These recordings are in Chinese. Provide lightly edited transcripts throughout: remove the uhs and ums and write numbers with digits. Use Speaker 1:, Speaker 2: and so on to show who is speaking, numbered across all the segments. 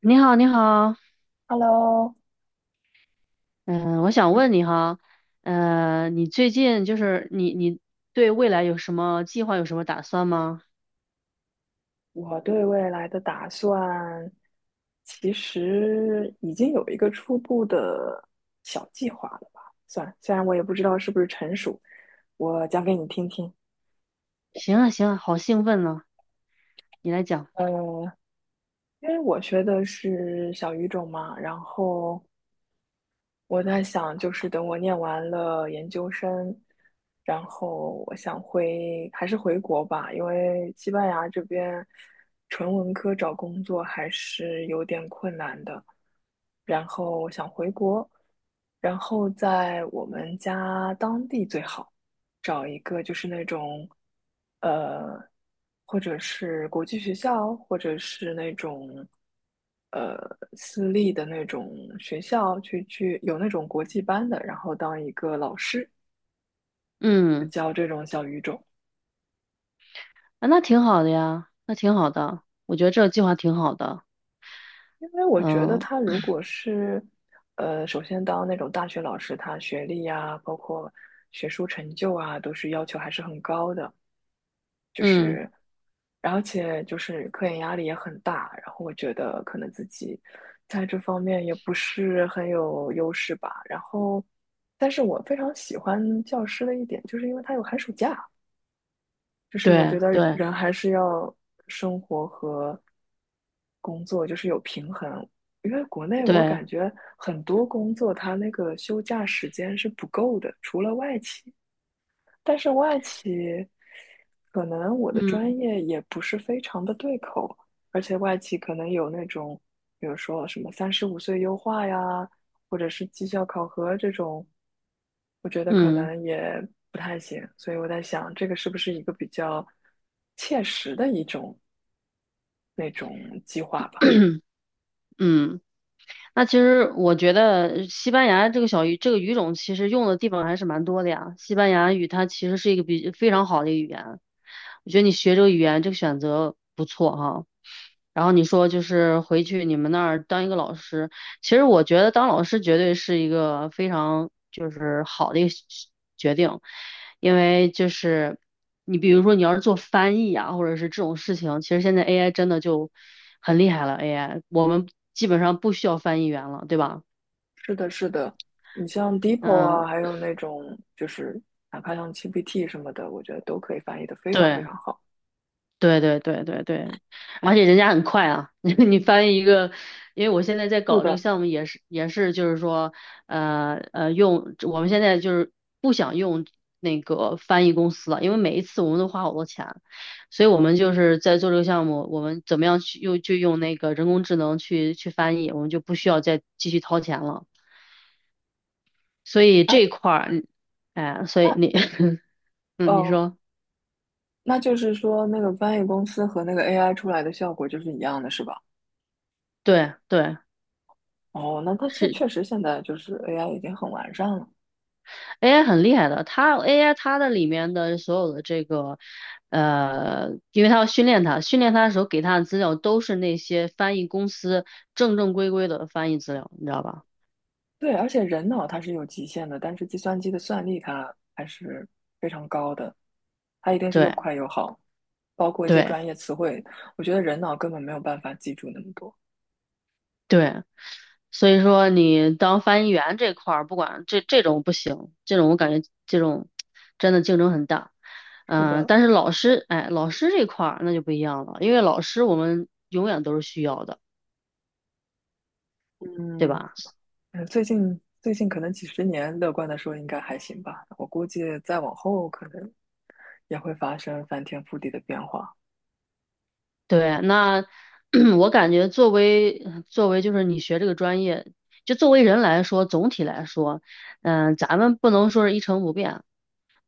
Speaker 1: 你好，你好，
Speaker 2: Hello,
Speaker 1: 嗯，我想问你哈，你最近就是你对未来有什么计划，有什么打算吗？
Speaker 2: 我对未来的打算其实已经有一个初步的小计划了吧？算，虽然我也不知道是不是成熟，我讲给你听听。
Speaker 1: 行啊，行啊，好兴奋呢，你来讲。
Speaker 2: 呃，因为我学的是小语种嘛，然后我在想，就是等我念完了研究生，然后我想回，还是回国吧，因为西班牙这边纯文科找工作还是有点困难的。然后我想回国，然后在我们家当地最好。找一个就是那种，呃，或者是国际学校，或者是那种，呃，私立的那种学校去有那种国际班的，然后当一个老师
Speaker 1: 嗯，
Speaker 2: 教这种小语种。
Speaker 1: 啊，那挺好的呀，那挺好的，我觉得这个计划挺好的。
Speaker 2: 因为我觉得
Speaker 1: 嗯
Speaker 2: 他如果是，首先当那种大学老师，他学历呀，包括学术成就啊，都是要求还是很高的。
Speaker 1: 嗯，
Speaker 2: 而且就是科研压力也很大，然后我觉得可能自己在这方面也不是很有优势吧。然后，但是我非常喜欢教师的一点，就是因为他有寒暑假，就是我觉
Speaker 1: 对
Speaker 2: 得
Speaker 1: 对
Speaker 2: 人还是要生活和工作就是有平衡。因为国内我
Speaker 1: 对，
Speaker 2: 感觉很多工作它那个休假时间是不够的，除了外企，但是外企可能我的
Speaker 1: 嗯
Speaker 2: 专业也不是非常的对口，而且外企可能有那种，比如说什么35岁优化呀，或者是绩效考核这种，我觉得可
Speaker 1: 嗯
Speaker 2: 能也不太行。所以我在想，这个是不是一个比较切实的一种那种计划吧？
Speaker 1: 嗯，那其实我觉得西班牙这个这个语种其实用的地方还是蛮多的呀。西班牙语它其实是一个非常好的语言，我觉得你学这个语言这个选择不错哈、然后你说就是回去你们那儿当一个老师，其实我觉得当老师绝对是一个非常就是好的一个决定，因为就是你比如说你要是做翻译啊，或者是这种事情，其实现在 AI 真的就很厉害了，AI 我们基本上不需要翻译员了，对吧？
Speaker 2: 是的，是的，你像 DeepL
Speaker 1: 嗯，
Speaker 2: 啊，还有那种就是哪怕像 GPT 什么的，我觉得都可以翻译的非常非
Speaker 1: 对。
Speaker 2: 常好。
Speaker 1: 对对对对对，而且人家很快啊，你翻译一个，因为我现在在
Speaker 2: 是
Speaker 1: 搞这个
Speaker 2: 的，
Speaker 1: 项目，也是就是说，用我们现在就是不想用那个翻译公司了，因为每一次我们都花好多钱，所以我们就是在做这个项目，我们怎么样去用就用那个人工智能去翻译，我们就不需要再继续掏钱了，所以
Speaker 2: 哎，
Speaker 1: 这一块儿，哎，所以
Speaker 2: 那
Speaker 1: 你，嗯，你
Speaker 2: 哦，
Speaker 1: 说，
Speaker 2: 那就是说，那个翻译公司和那个 AI 出来的效果就是一样的，是吧？
Speaker 1: 对对。
Speaker 2: 哦，那它
Speaker 1: 是。
Speaker 2: 确实现在就是 AI 已经很完善了。
Speaker 1: AI 很厉害的，它 AI 它的里面的所有的这个，因为它要训练它，训练它的时候给它的资料都是那些翻译公司正正规规的翻译资料，你知道吧？
Speaker 2: 对，而且人脑它是有极限的，但是计算机的算力它还是非常高的，它一定是又
Speaker 1: 对
Speaker 2: 快又好，包括一些
Speaker 1: 对
Speaker 2: 专业词汇，我觉得人脑根本没有办法记住那么多。
Speaker 1: 对，所以说你当翻译员这块儿，不管这种不行，这种我感觉这种真的竞争很大。
Speaker 2: 是
Speaker 1: 嗯、
Speaker 2: 的，
Speaker 1: 但是老师，哎，老师这块儿那就不一样了，因为老师我们永远都是需要的，对
Speaker 2: 嗯，
Speaker 1: 吧？
Speaker 2: 嗯，最近可能几十年，乐观的说应该还行吧。我估计再往后可能也会发生翻天覆地的变化。
Speaker 1: 对，那 我感觉作为就是你学这个专业，就作为人来说，总体来说，嗯、咱们不能说是一成不变，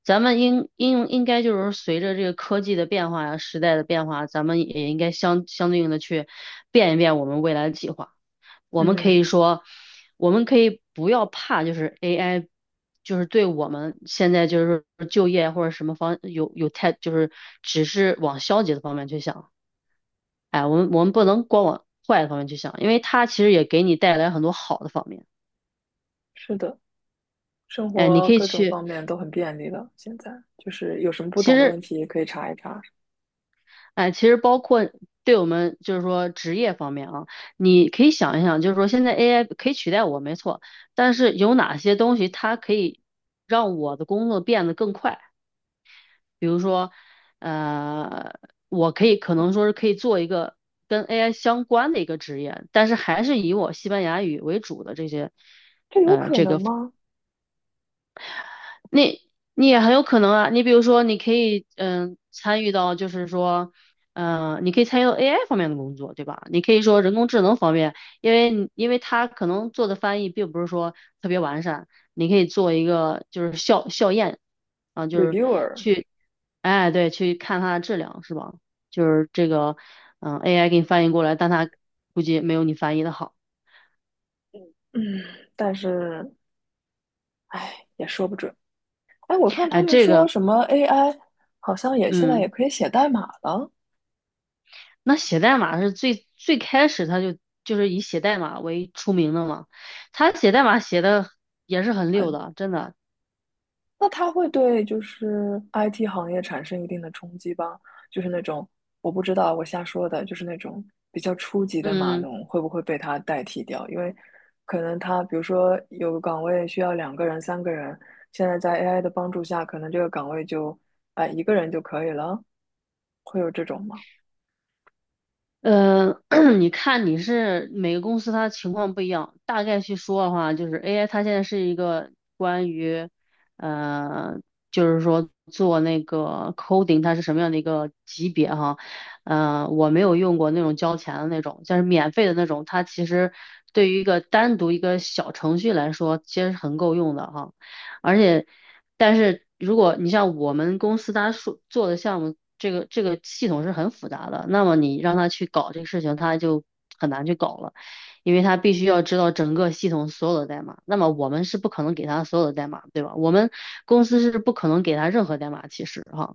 Speaker 1: 咱们应该就是随着这个科技的变化呀、时代的变化，咱们也应该相对应的去变一变我们未来的计划。我们可
Speaker 2: 嗯，
Speaker 1: 以说，我们可以不要怕，就是 AI，就是对我们现在就是就业或者什么方有太就是只是往消极的方面去想。哎，我们不能光往坏的方面去想，因为它其实也给你带来很多好的方面。
Speaker 2: 是的，生
Speaker 1: 哎，你
Speaker 2: 活
Speaker 1: 可以
Speaker 2: 各种
Speaker 1: 去，
Speaker 2: 方面都很便利了。现在就是有什么不
Speaker 1: 其
Speaker 2: 懂的问
Speaker 1: 实，
Speaker 2: 题可以查一查，
Speaker 1: 哎，其实包括对我们就是说职业方面啊，你可以想一想，就是说现在 AI 可以取代我，没错，但是有哪些东西它可以让我的工作变得更快？比如说，呃，我可以可能说是可以做一个跟 AI 相关的一个职业，但是还是以我西班牙语为主的这些。
Speaker 2: 这有可能吗
Speaker 1: 那你也很有可能啊，你比如说，你可以参与到，就是说，嗯，你可以参与到 AI 方面的工作，对吧？你可以说人工智能方面，因为你因为它可能做的翻译并不是说特别完善，你可以做一个就是校验啊，就是
Speaker 2: ？Reviewer，
Speaker 1: 去，哎，对，去看它的质量是吧？就是这个，嗯，AI 给你翻译过来，但它估计没有你翻译的好，
Speaker 2: 嗯，但是唉，也说不准。哎，我看他
Speaker 1: 哎，
Speaker 2: 们
Speaker 1: 这
Speaker 2: 说
Speaker 1: 个。
Speaker 2: 什么 AI 好像也现在
Speaker 1: 嗯。
Speaker 2: 也可以写代码了。
Speaker 1: 那写代码是最最开始他就是以写代码为出名的嘛，他写代码写的也是很溜
Speaker 2: 很。
Speaker 1: 的，真的。
Speaker 2: 那它会对就是 IT 行业产生一定的冲击吧？就是那种我不知道，我瞎说的，就是那种比较初级的码
Speaker 1: 嗯，
Speaker 2: 农会不会被它代替掉？因为可能它比如说有个岗位需要2个人、3个人，现在在 AI 的帮助下，可能这个岗位就哎一个人就可以了，会有这种吗？
Speaker 1: 呃，你看你是每个公司它情况不一样，大概去说的话，就是 AI 它现在是一个关于，呃，就是说做那个 coding 它是什么样的一个级别哈，我没有用过那种交钱的那种，就是免费的那种，它其实对于一个单独一个小程序来说，其实是很够用的哈。而且，但是如果你像我们公司他说做的项目，这个系统是很复杂的，那么你让他去搞这个事情，他就很难去搞了，因为他必须要知道整个系统所有的代码。那么我们是不可能给他所有的代码，对吧？我们公司是不可能给他任何代码，其实哈。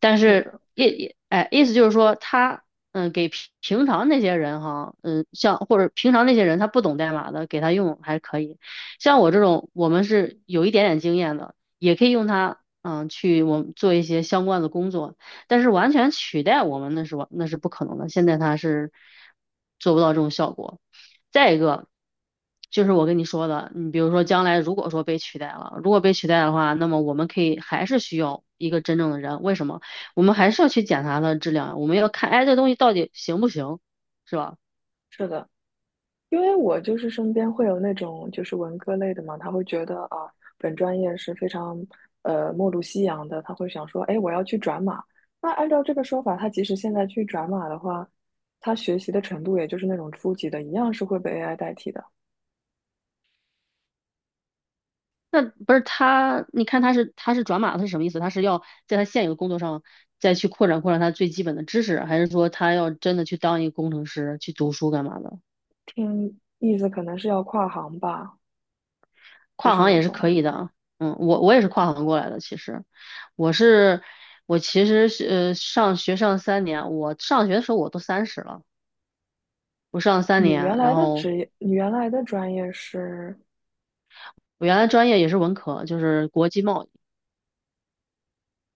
Speaker 1: 但
Speaker 2: 是
Speaker 1: 是
Speaker 2: 的，
Speaker 1: 哎，意思就是说他嗯，给平常那些人哈，嗯，像或者平常那些人他不懂代码的，给他用还可以。像我这种，我们是有一点点经验的，也可以用它，嗯，去我们做一些相关的工作。但是完全取代我们那是那是不可能的，现在它是做不到这种效果。再一个，就是我跟你说的，你比如说将来如果说被取代了，如果被取代的话，那么我们可以还是需要一个真正的人。为什么？我们还是要去检查它的质量啊，我们要看，哎，这东西到底行不行，是吧？
Speaker 2: 是的，因为我就是身边会有那种就是文科类的嘛，他会觉得啊，本专业是非常末路夕阳的，他会想说，哎，我要去转码。那按照这个说法，他即使现在去转码的话，他学习的程度也就是那种初级的，一样是会被 AI 代替的。
Speaker 1: 那不是他，你看他是转码，他是什么意思？他是要在他现有的工作上再去扩展扩展他最基本的知识，还是说他要真的去当一个工程师去读书干嘛的？
Speaker 2: 听意思可能是要跨行吧，就
Speaker 1: 跨
Speaker 2: 是
Speaker 1: 行
Speaker 2: 那
Speaker 1: 也是可
Speaker 2: 种
Speaker 1: 以的啊，嗯，我也是跨行过来的，其实我是我其实是上学上三年，我上学的时候我都30了，我上三
Speaker 2: 你原
Speaker 1: 年，然
Speaker 2: 来的
Speaker 1: 后
Speaker 2: 职业，你原来的专业是，
Speaker 1: 我原来专业也是文科，就是国际贸易。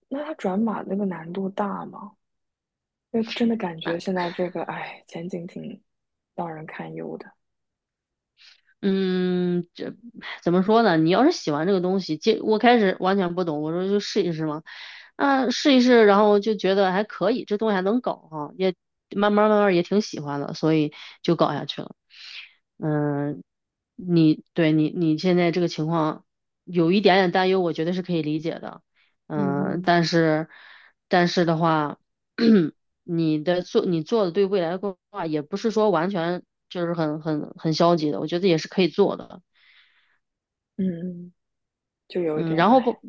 Speaker 2: 那他转码那个难度大吗？因为真的感觉现在这个，哎，前景挺让人堪忧的。
Speaker 1: 嗯，这怎么说呢？你要是喜欢这个东西，接我开始完全不懂，我说就试一试嘛。啊，试一试，然后就觉得还可以，这东西还能搞哈、也慢慢慢慢也挺喜欢的，所以就搞下去了。嗯，你对你现在这个情况有一点点担忧，我觉得是可以理解的。嗯，
Speaker 2: 嗯
Speaker 1: 但是的话，你做的对未来的规划也不是说完全就是很消极的，我觉得也是可以做的。
Speaker 2: 嗯，就有
Speaker 1: 嗯，
Speaker 2: 点，
Speaker 1: 然后
Speaker 2: 哎，
Speaker 1: 不，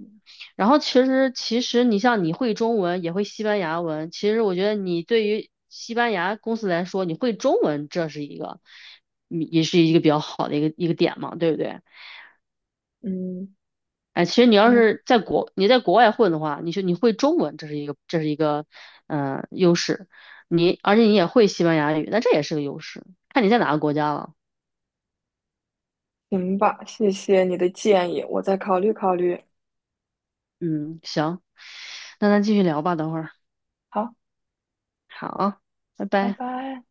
Speaker 1: 然后其实你像你会中文也会西班牙文，其实我觉得你对于西班牙公司来说，你会中文这是一个，嗯也是一个比较好的一个点嘛，对不对？
Speaker 2: 嗯，
Speaker 1: 哎，其实你要
Speaker 2: 那
Speaker 1: 是你在国外混的话，你会中文，这是一个优势。你而且你也会西班牙语，那这也是个优势。看你在哪个国家了。
Speaker 2: 行吧，谢谢你的建议，我再考虑考虑。
Speaker 1: 嗯，行，那咱继续聊吧，等会儿。
Speaker 2: 好，
Speaker 1: 好，拜
Speaker 2: 拜
Speaker 1: 拜。
Speaker 2: 拜。